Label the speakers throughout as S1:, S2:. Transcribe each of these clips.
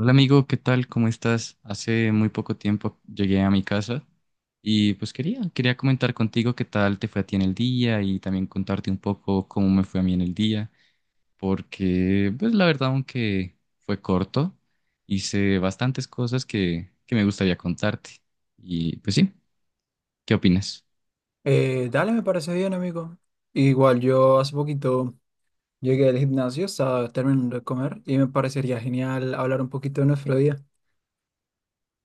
S1: Hola amigo, ¿qué tal? ¿Cómo estás? Hace muy poco tiempo llegué a mi casa y pues quería comentar contigo qué tal te fue a ti en el día y también contarte un poco cómo me fue a mí en el día, porque pues la verdad aunque fue corto, hice bastantes cosas que me gustaría contarte. Y pues sí, ¿qué opinas?
S2: Dale, me parece bien, amigo. Igual yo hace poquito llegué del gimnasio, estaba terminando de comer y me parecería genial hablar un poquito de nuestro día.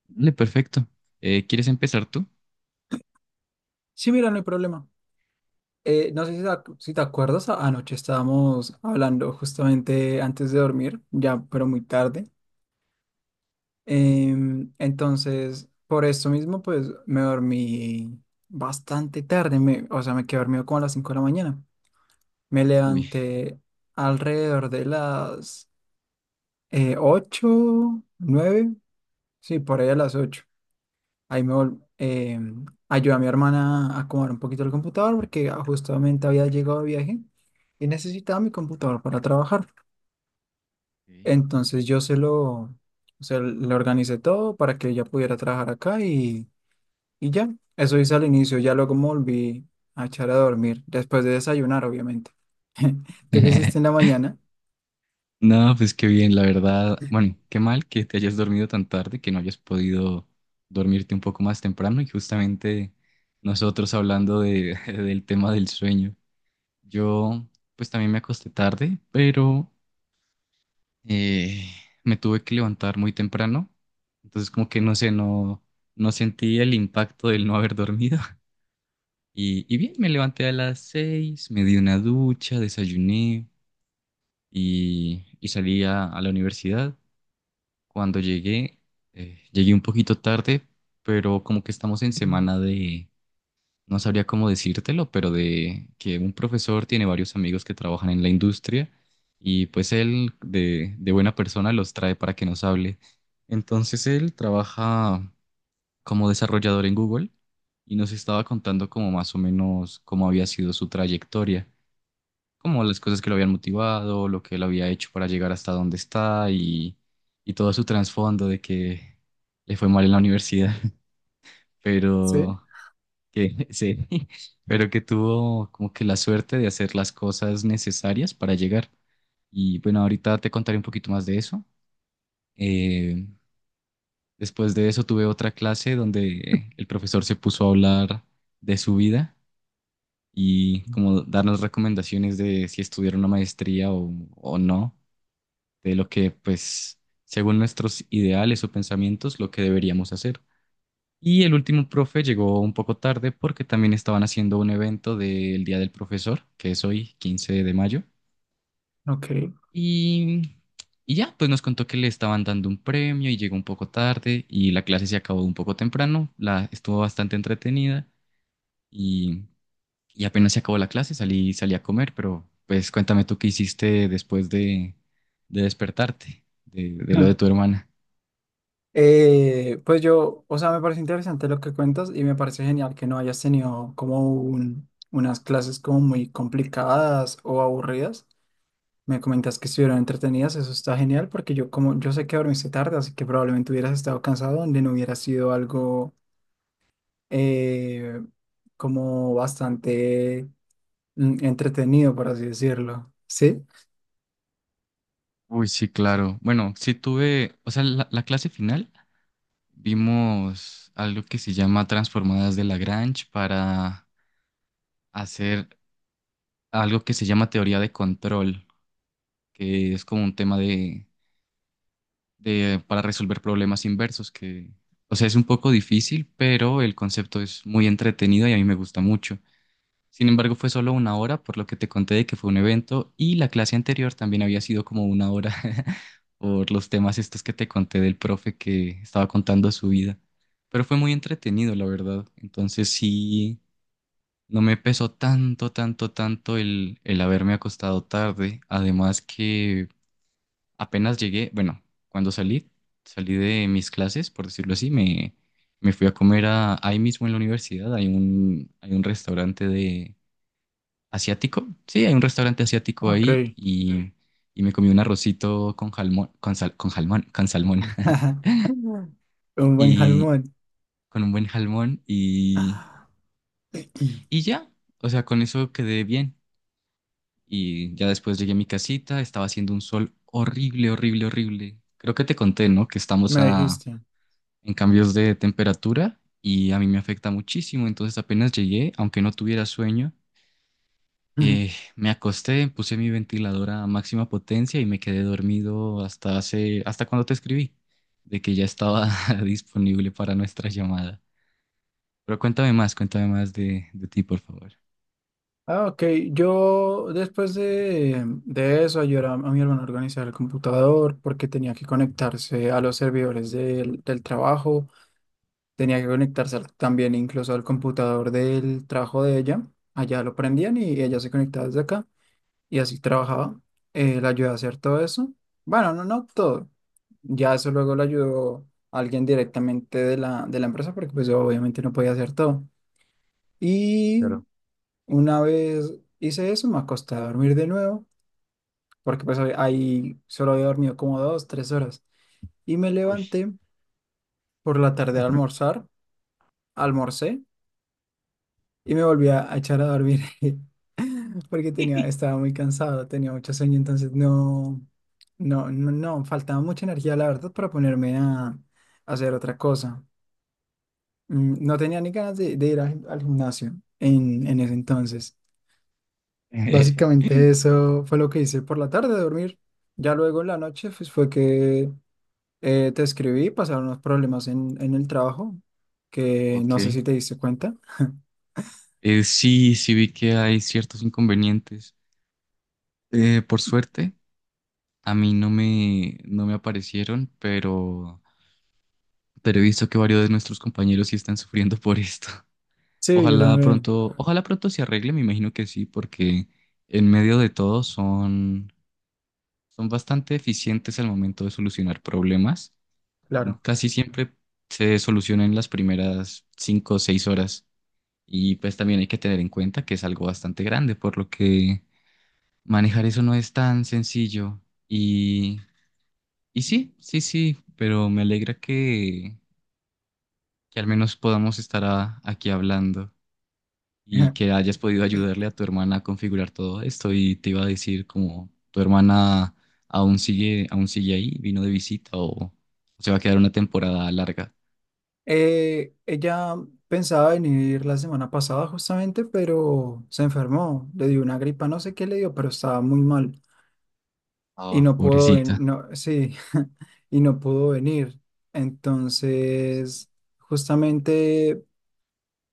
S1: Vale, perfecto. ¿Quieres empezar tú?
S2: Sí, mira, no hay problema. No sé si si te acuerdas, anoche estábamos hablando justamente antes de dormir, ya, pero muy tarde. Entonces, por esto mismo, pues me dormí bastante tarde, o sea, me quedé dormido como a las 5 de la mañana. Me
S1: Uy.
S2: levanté alrededor de las 8, 9, sí, por ahí a las 8. Ahí ayudé a mi hermana a acomodar un poquito el computador porque justamente había llegado de viaje y necesitaba mi computador para trabajar.
S1: Ok, ok.
S2: Entonces o sea, le organicé todo para que ella pudiera trabajar acá y ya. Eso hice al inicio, ya luego me volví a echar a dormir, después de desayunar, obviamente. ¿Tú qué hiciste en la mañana?
S1: No, pues qué bien, la verdad. Bueno, qué mal que te hayas dormido tan tarde, que no hayas podido dormirte un poco más temprano y justamente nosotros hablando del tema del sueño. Yo pues también me acosté tarde, pero eh, me tuve que levantar muy temprano, entonces como que no sé, no, no sentí el impacto del no haber dormido. Y, y bien, me levanté a las 6, me di una ducha, desayuné y salí a la universidad. Cuando llegué, llegué un poquito tarde, pero como que estamos en
S2: Ujú.
S1: semana de, no sabría cómo decírtelo, pero de que un profesor tiene varios amigos que trabajan en la industria y pues él de buena persona los trae para que nos hable. Entonces él trabaja como desarrollador en Google y nos estaba contando como más o menos cómo había sido su trayectoria como las cosas que lo habían motivado, lo que él había hecho para llegar hasta donde está y todo su trasfondo de que le fue mal en la universidad,
S2: Sí,
S1: pero que sí, pero que tuvo como que la suerte de hacer las cosas necesarias para llegar. Y bueno, ahorita te contaré un poquito más de eso. Eh, Después de eso tuve otra clase donde el profesor se puso a hablar de su vida y como darnos recomendaciones de si estudiar una maestría o no. De lo que, pues, según nuestros ideales o pensamientos, lo que deberíamos hacer. Y el último profe llegó un poco tarde porque también estaban haciendo un evento del Día del Profesor, que es hoy, 15 de mayo.
S2: ok.
S1: Y, y ya, pues nos contó que le estaban dando un premio y llegó un poco tarde y la clase se acabó un poco temprano, la estuvo bastante entretenida y, y apenas se acabó la clase, salí, salí a comer, pero pues cuéntame tú qué hiciste después de despertarte, de lo de tu hermana.
S2: Pues yo, o sea, me parece interesante lo que cuentas y me parece genial que no hayas tenido como unas clases como muy complicadas o aburridas. Me comentas que estuvieron entretenidas, eso está genial porque yo como yo sé que dormiste tarde, así que probablemente hubieras estado cansado donde no hubiera sido algo eh, como bastante entretenido, por así decirlo. ¿Sí?
S1: Uy, sí, claro. Bueno, sí tuve, o sea, la clase final vimos algo que se llama transformadas de Lagrange para hacer algo que se llama teoría de control, que es como un tema de para resolver problemas inversos, que, o sea, es un poco difícil, pero el concepto es muy entretenido y a mí me gusta mucho. Sin embargo, fue solo 1 hora, por lo que te conté de que fue un evento y la clase anterior también había sido como 1 hora por los temas estos que te conté del profe que estaba contando su vida. Pero fue muy entretenido, la verdad. Entonces sí, no me pesó tanto, tanto, tanto el haberme acostado tarde. Además que apenas llegué, bueno, cuando salí, salí de mis clases, por decirlo así, me fui a comer a, ahí mismo en la universidad. Hay un restaurante de asiático. Sí, hay un restaurante asiático
S2: Ok.
S1: ahí y me comí un arrocito con jalmón, con jalmón, con salmón
S2: Un buen
S1: y
S2: jalmón.
S1: con un buen jalmón y ya, o sea, con eso quedé bien. Y ya después llegué a mi casita, estaba haciendo un sol horrible, horrible, horrible. Creo que te conté, ¿no?
S2: Me dijiste.
S1: En cambios de temperatura y a mí me afecta muchísimo. Entonces apenas llegué, aunque no tuviera sueño, eh, me acosté, puse mi ventiladora a máxima potencia y me quedé dormido hasta hace, hasta cuando te escribí, de que ya estaba disponible para nuestra llamada. Pero cuéntame más de ti, por favor.
S2: Ah, ok. Yo después de eso ayudé a mi hermano a organizar el computador porque tenía que conectarse a los servidores del trabajo, tenía que conectarse también incluso al computador del trabajo de ella. Allá lo prendían y ella se conectaba desde acá y así trabajaba. La ayudé a hacer todo eso. Bueno, no, no todo. Ya eso luego lo ayudó alguien directamente de la empresa porque pues yo obviamente no podía hacer todo. Una vez hice eso, me acosté a dormir de nuevo, porque pues ahí solo había dormido como 2, 3 horas. Y me levanté por la tarde a almorzar, almorcé y me volví a echar a dormir porque estaba muy cansado, tenía mucho sueño, entonces no, no, no, no, faltaba mucha energía, la verdad, para ponerme a hacer otra cosa. No tenía ni ganas de ir al gimnasio en ese entonces. Básicamente eso fue lo que hice por la tarde, dormir. Ya luego en la noche pues, fue que te escribí, pasaron unos problemas en el trabajo, que
S1: Ok.
S2: no sé si te diste cuenta.
S1: Sí, sí vi que hay ciertos inconvenientes. Por suerte, a mí no me, no me aparecieron, pero he visto que varios de nuestros compañeros sí están sufriendo por esto.
S2: Sí, yo también,
S1: Ojalá pronto se arregle, me imagino que sí, porque en medio de todo son, son bastante eficientes al momento de solucionar problemas.
S2: claro.
S1: Casi siempre se solucionan en las primeras 5 o 6 horas. Y pues también hay que tener en cuenta que es algo bastante grande, por lo que manejar eso no es tan sencillo. Y, y sí, sí, sí, pero me alegra que al menos podamos aquí hablando. Y que hayas podido ayudarle a tu hermana a configurar todo esto. Y te iba a decir como tu hermana aún sigue ahí, vino de visita o se va a quedar una temporada larga.
S2: Ella pensaba venir la semana pasada justamente, pero se enfermó, le dio una gripa, no sé qué le dio, pero estaba muy mal y
S1: Ah,
S2: no pudo
S1: pobrecita.
S2: venir, no, sí, y no pudo venir. Entonces, justamente...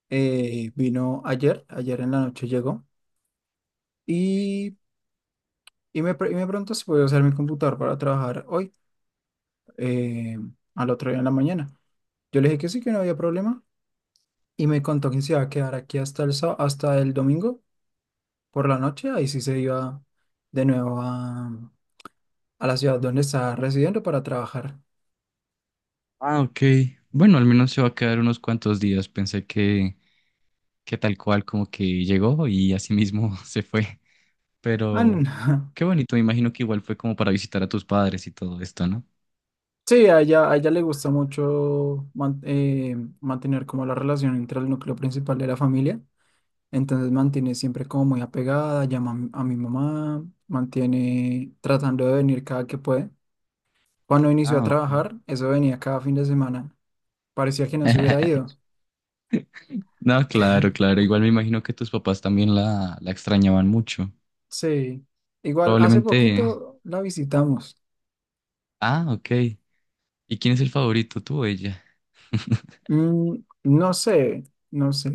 S2: Vino ayer, ayer en la noche llegó y, y y me preguntó si podía usar mi computador para trabajar hoy, eh, al otro día en la mañana. Yo le dije que sí, que no había problema y me contó que se iba a quedar aquí hasta el domingo por la noche. Ahí sí se iba de nuevo a la ciudad donde está residiendo para trabajar.
S1: Ah, ok. Bueno, al menos se va a quedar unos cuantos días. Pensé que tal cual como que llegó y así mismo se fue.
S2: Ah, no.
S1: Pero
S2: No.
S1: qué bonito, me imagino que igual fue como para visitar a tus padres y todo esto, ¿no?
S2: Sí, a ella le gusta mucho mantener como la relación entre el núcleo principal de la familia. Entonces mantiene siempre como muy apegada, llama a mi mamá, mantiene tratando de venir cada que puede. Cuando inició a
S1: Ah, ok.
S2: trabajar, eso venía cada fin de semana. Parecía que no se hubiera ido.
S1: No, claro, claro. Igual me imagino que tus papás también la extrañaban mucho.
S2: Sí, igual hace
S1: Probablemente.
S2: poquito la visitamos.
S1: Ah, ok. ¿Y quién es el favorito, tú o ella?
S2: Mm, no sé, no sé.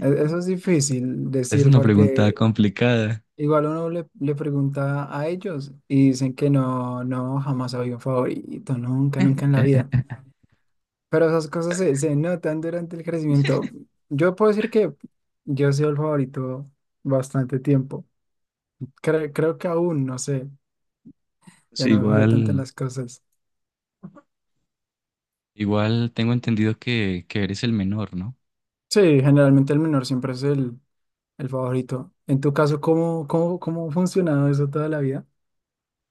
S2: Eso es difícil
S1: Es
S2: decir
S1: una pregunta
S2: porque
S1: complicada.
S2: igual uno le pregunta a ellos y dicen que no, no, jamás había un favorito, nunca, nunca en la vida. Pero esas cosas se notan durante el crecimiento. Yo puedo decir que yo he sido el favorito bastante tiempo. Creo que aún, no sé, ya
S1: Sí,
S2: no me fijo tanto en
S1: igual,
S2: las cosas.
S1: igual tengo entendido que eres el menor, ¿no?
S2: Sí, generalmente el menor siempre es el favorito. En tu caso, ¿cómo ha funcionado eso toda la vida?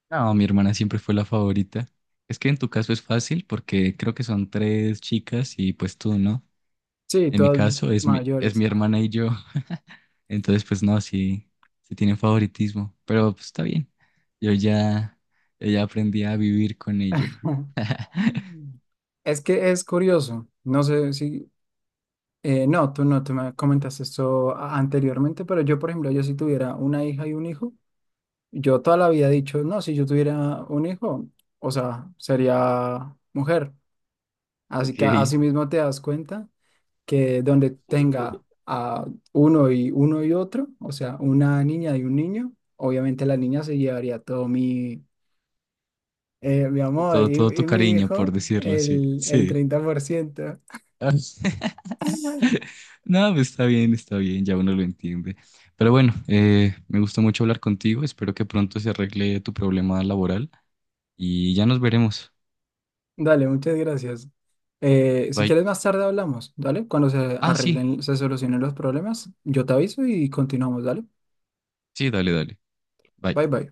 S1: No, mi hermana siempre fue la favorita. Es que en tu caso es fácil porque creo que son tres chicas y pues tú, ¿no?
S2: Sí,
S1: En mi
S2: todas
S1: caso es mi
S2: mayores.
S1: hermana y yo. Entonces, pues no, sí, sí tienen favoritismo. Pero pues está bien. Yo ya, yo ya aprendí a vivir con ello.
S2: Es que es curioso, no sé no, tú no, te me comentaste esto anteriormente, pero yo, por ejemplo, yo si tuviera una hija y un hijo. Yo toda la vida he dicho, no, si yo tuviera un hijo, o sea, sería mujer. Así
S1: Ok.
S2: que así mismo te das cuenta que donde tenga a uno y uno y otro, o sea, una niña y un niño, obviamente la niña se llevaría todo mi, mi
S1: Y
S2: amor
S1: todo,
S2: y,
S1: todo tu
S2: y mi
S1: cariño, por
S2: hijo
S1: decirlo así.
S2: el
S1: Sí.
S2: 30%.
S1: Ah, no, pues, está bien, ya uno lo entiende. Pero bueno, me gustó mucho hablar contigo. Espero que pronto se arregle tu problema laboral y ya nos veremos.
S2: Dale, muchas gracias. Si
S1: Bye.
S2: quieres más tarde hablamos, ¿dale? Cuando se
S1: Ah, sí,
S2: arreglen, se solucionen los problemas, yo te aviso y continuamos, ¿dale?
S1: sí, dale, dale.
S2: Bye
S1: Bye.
S2: bye.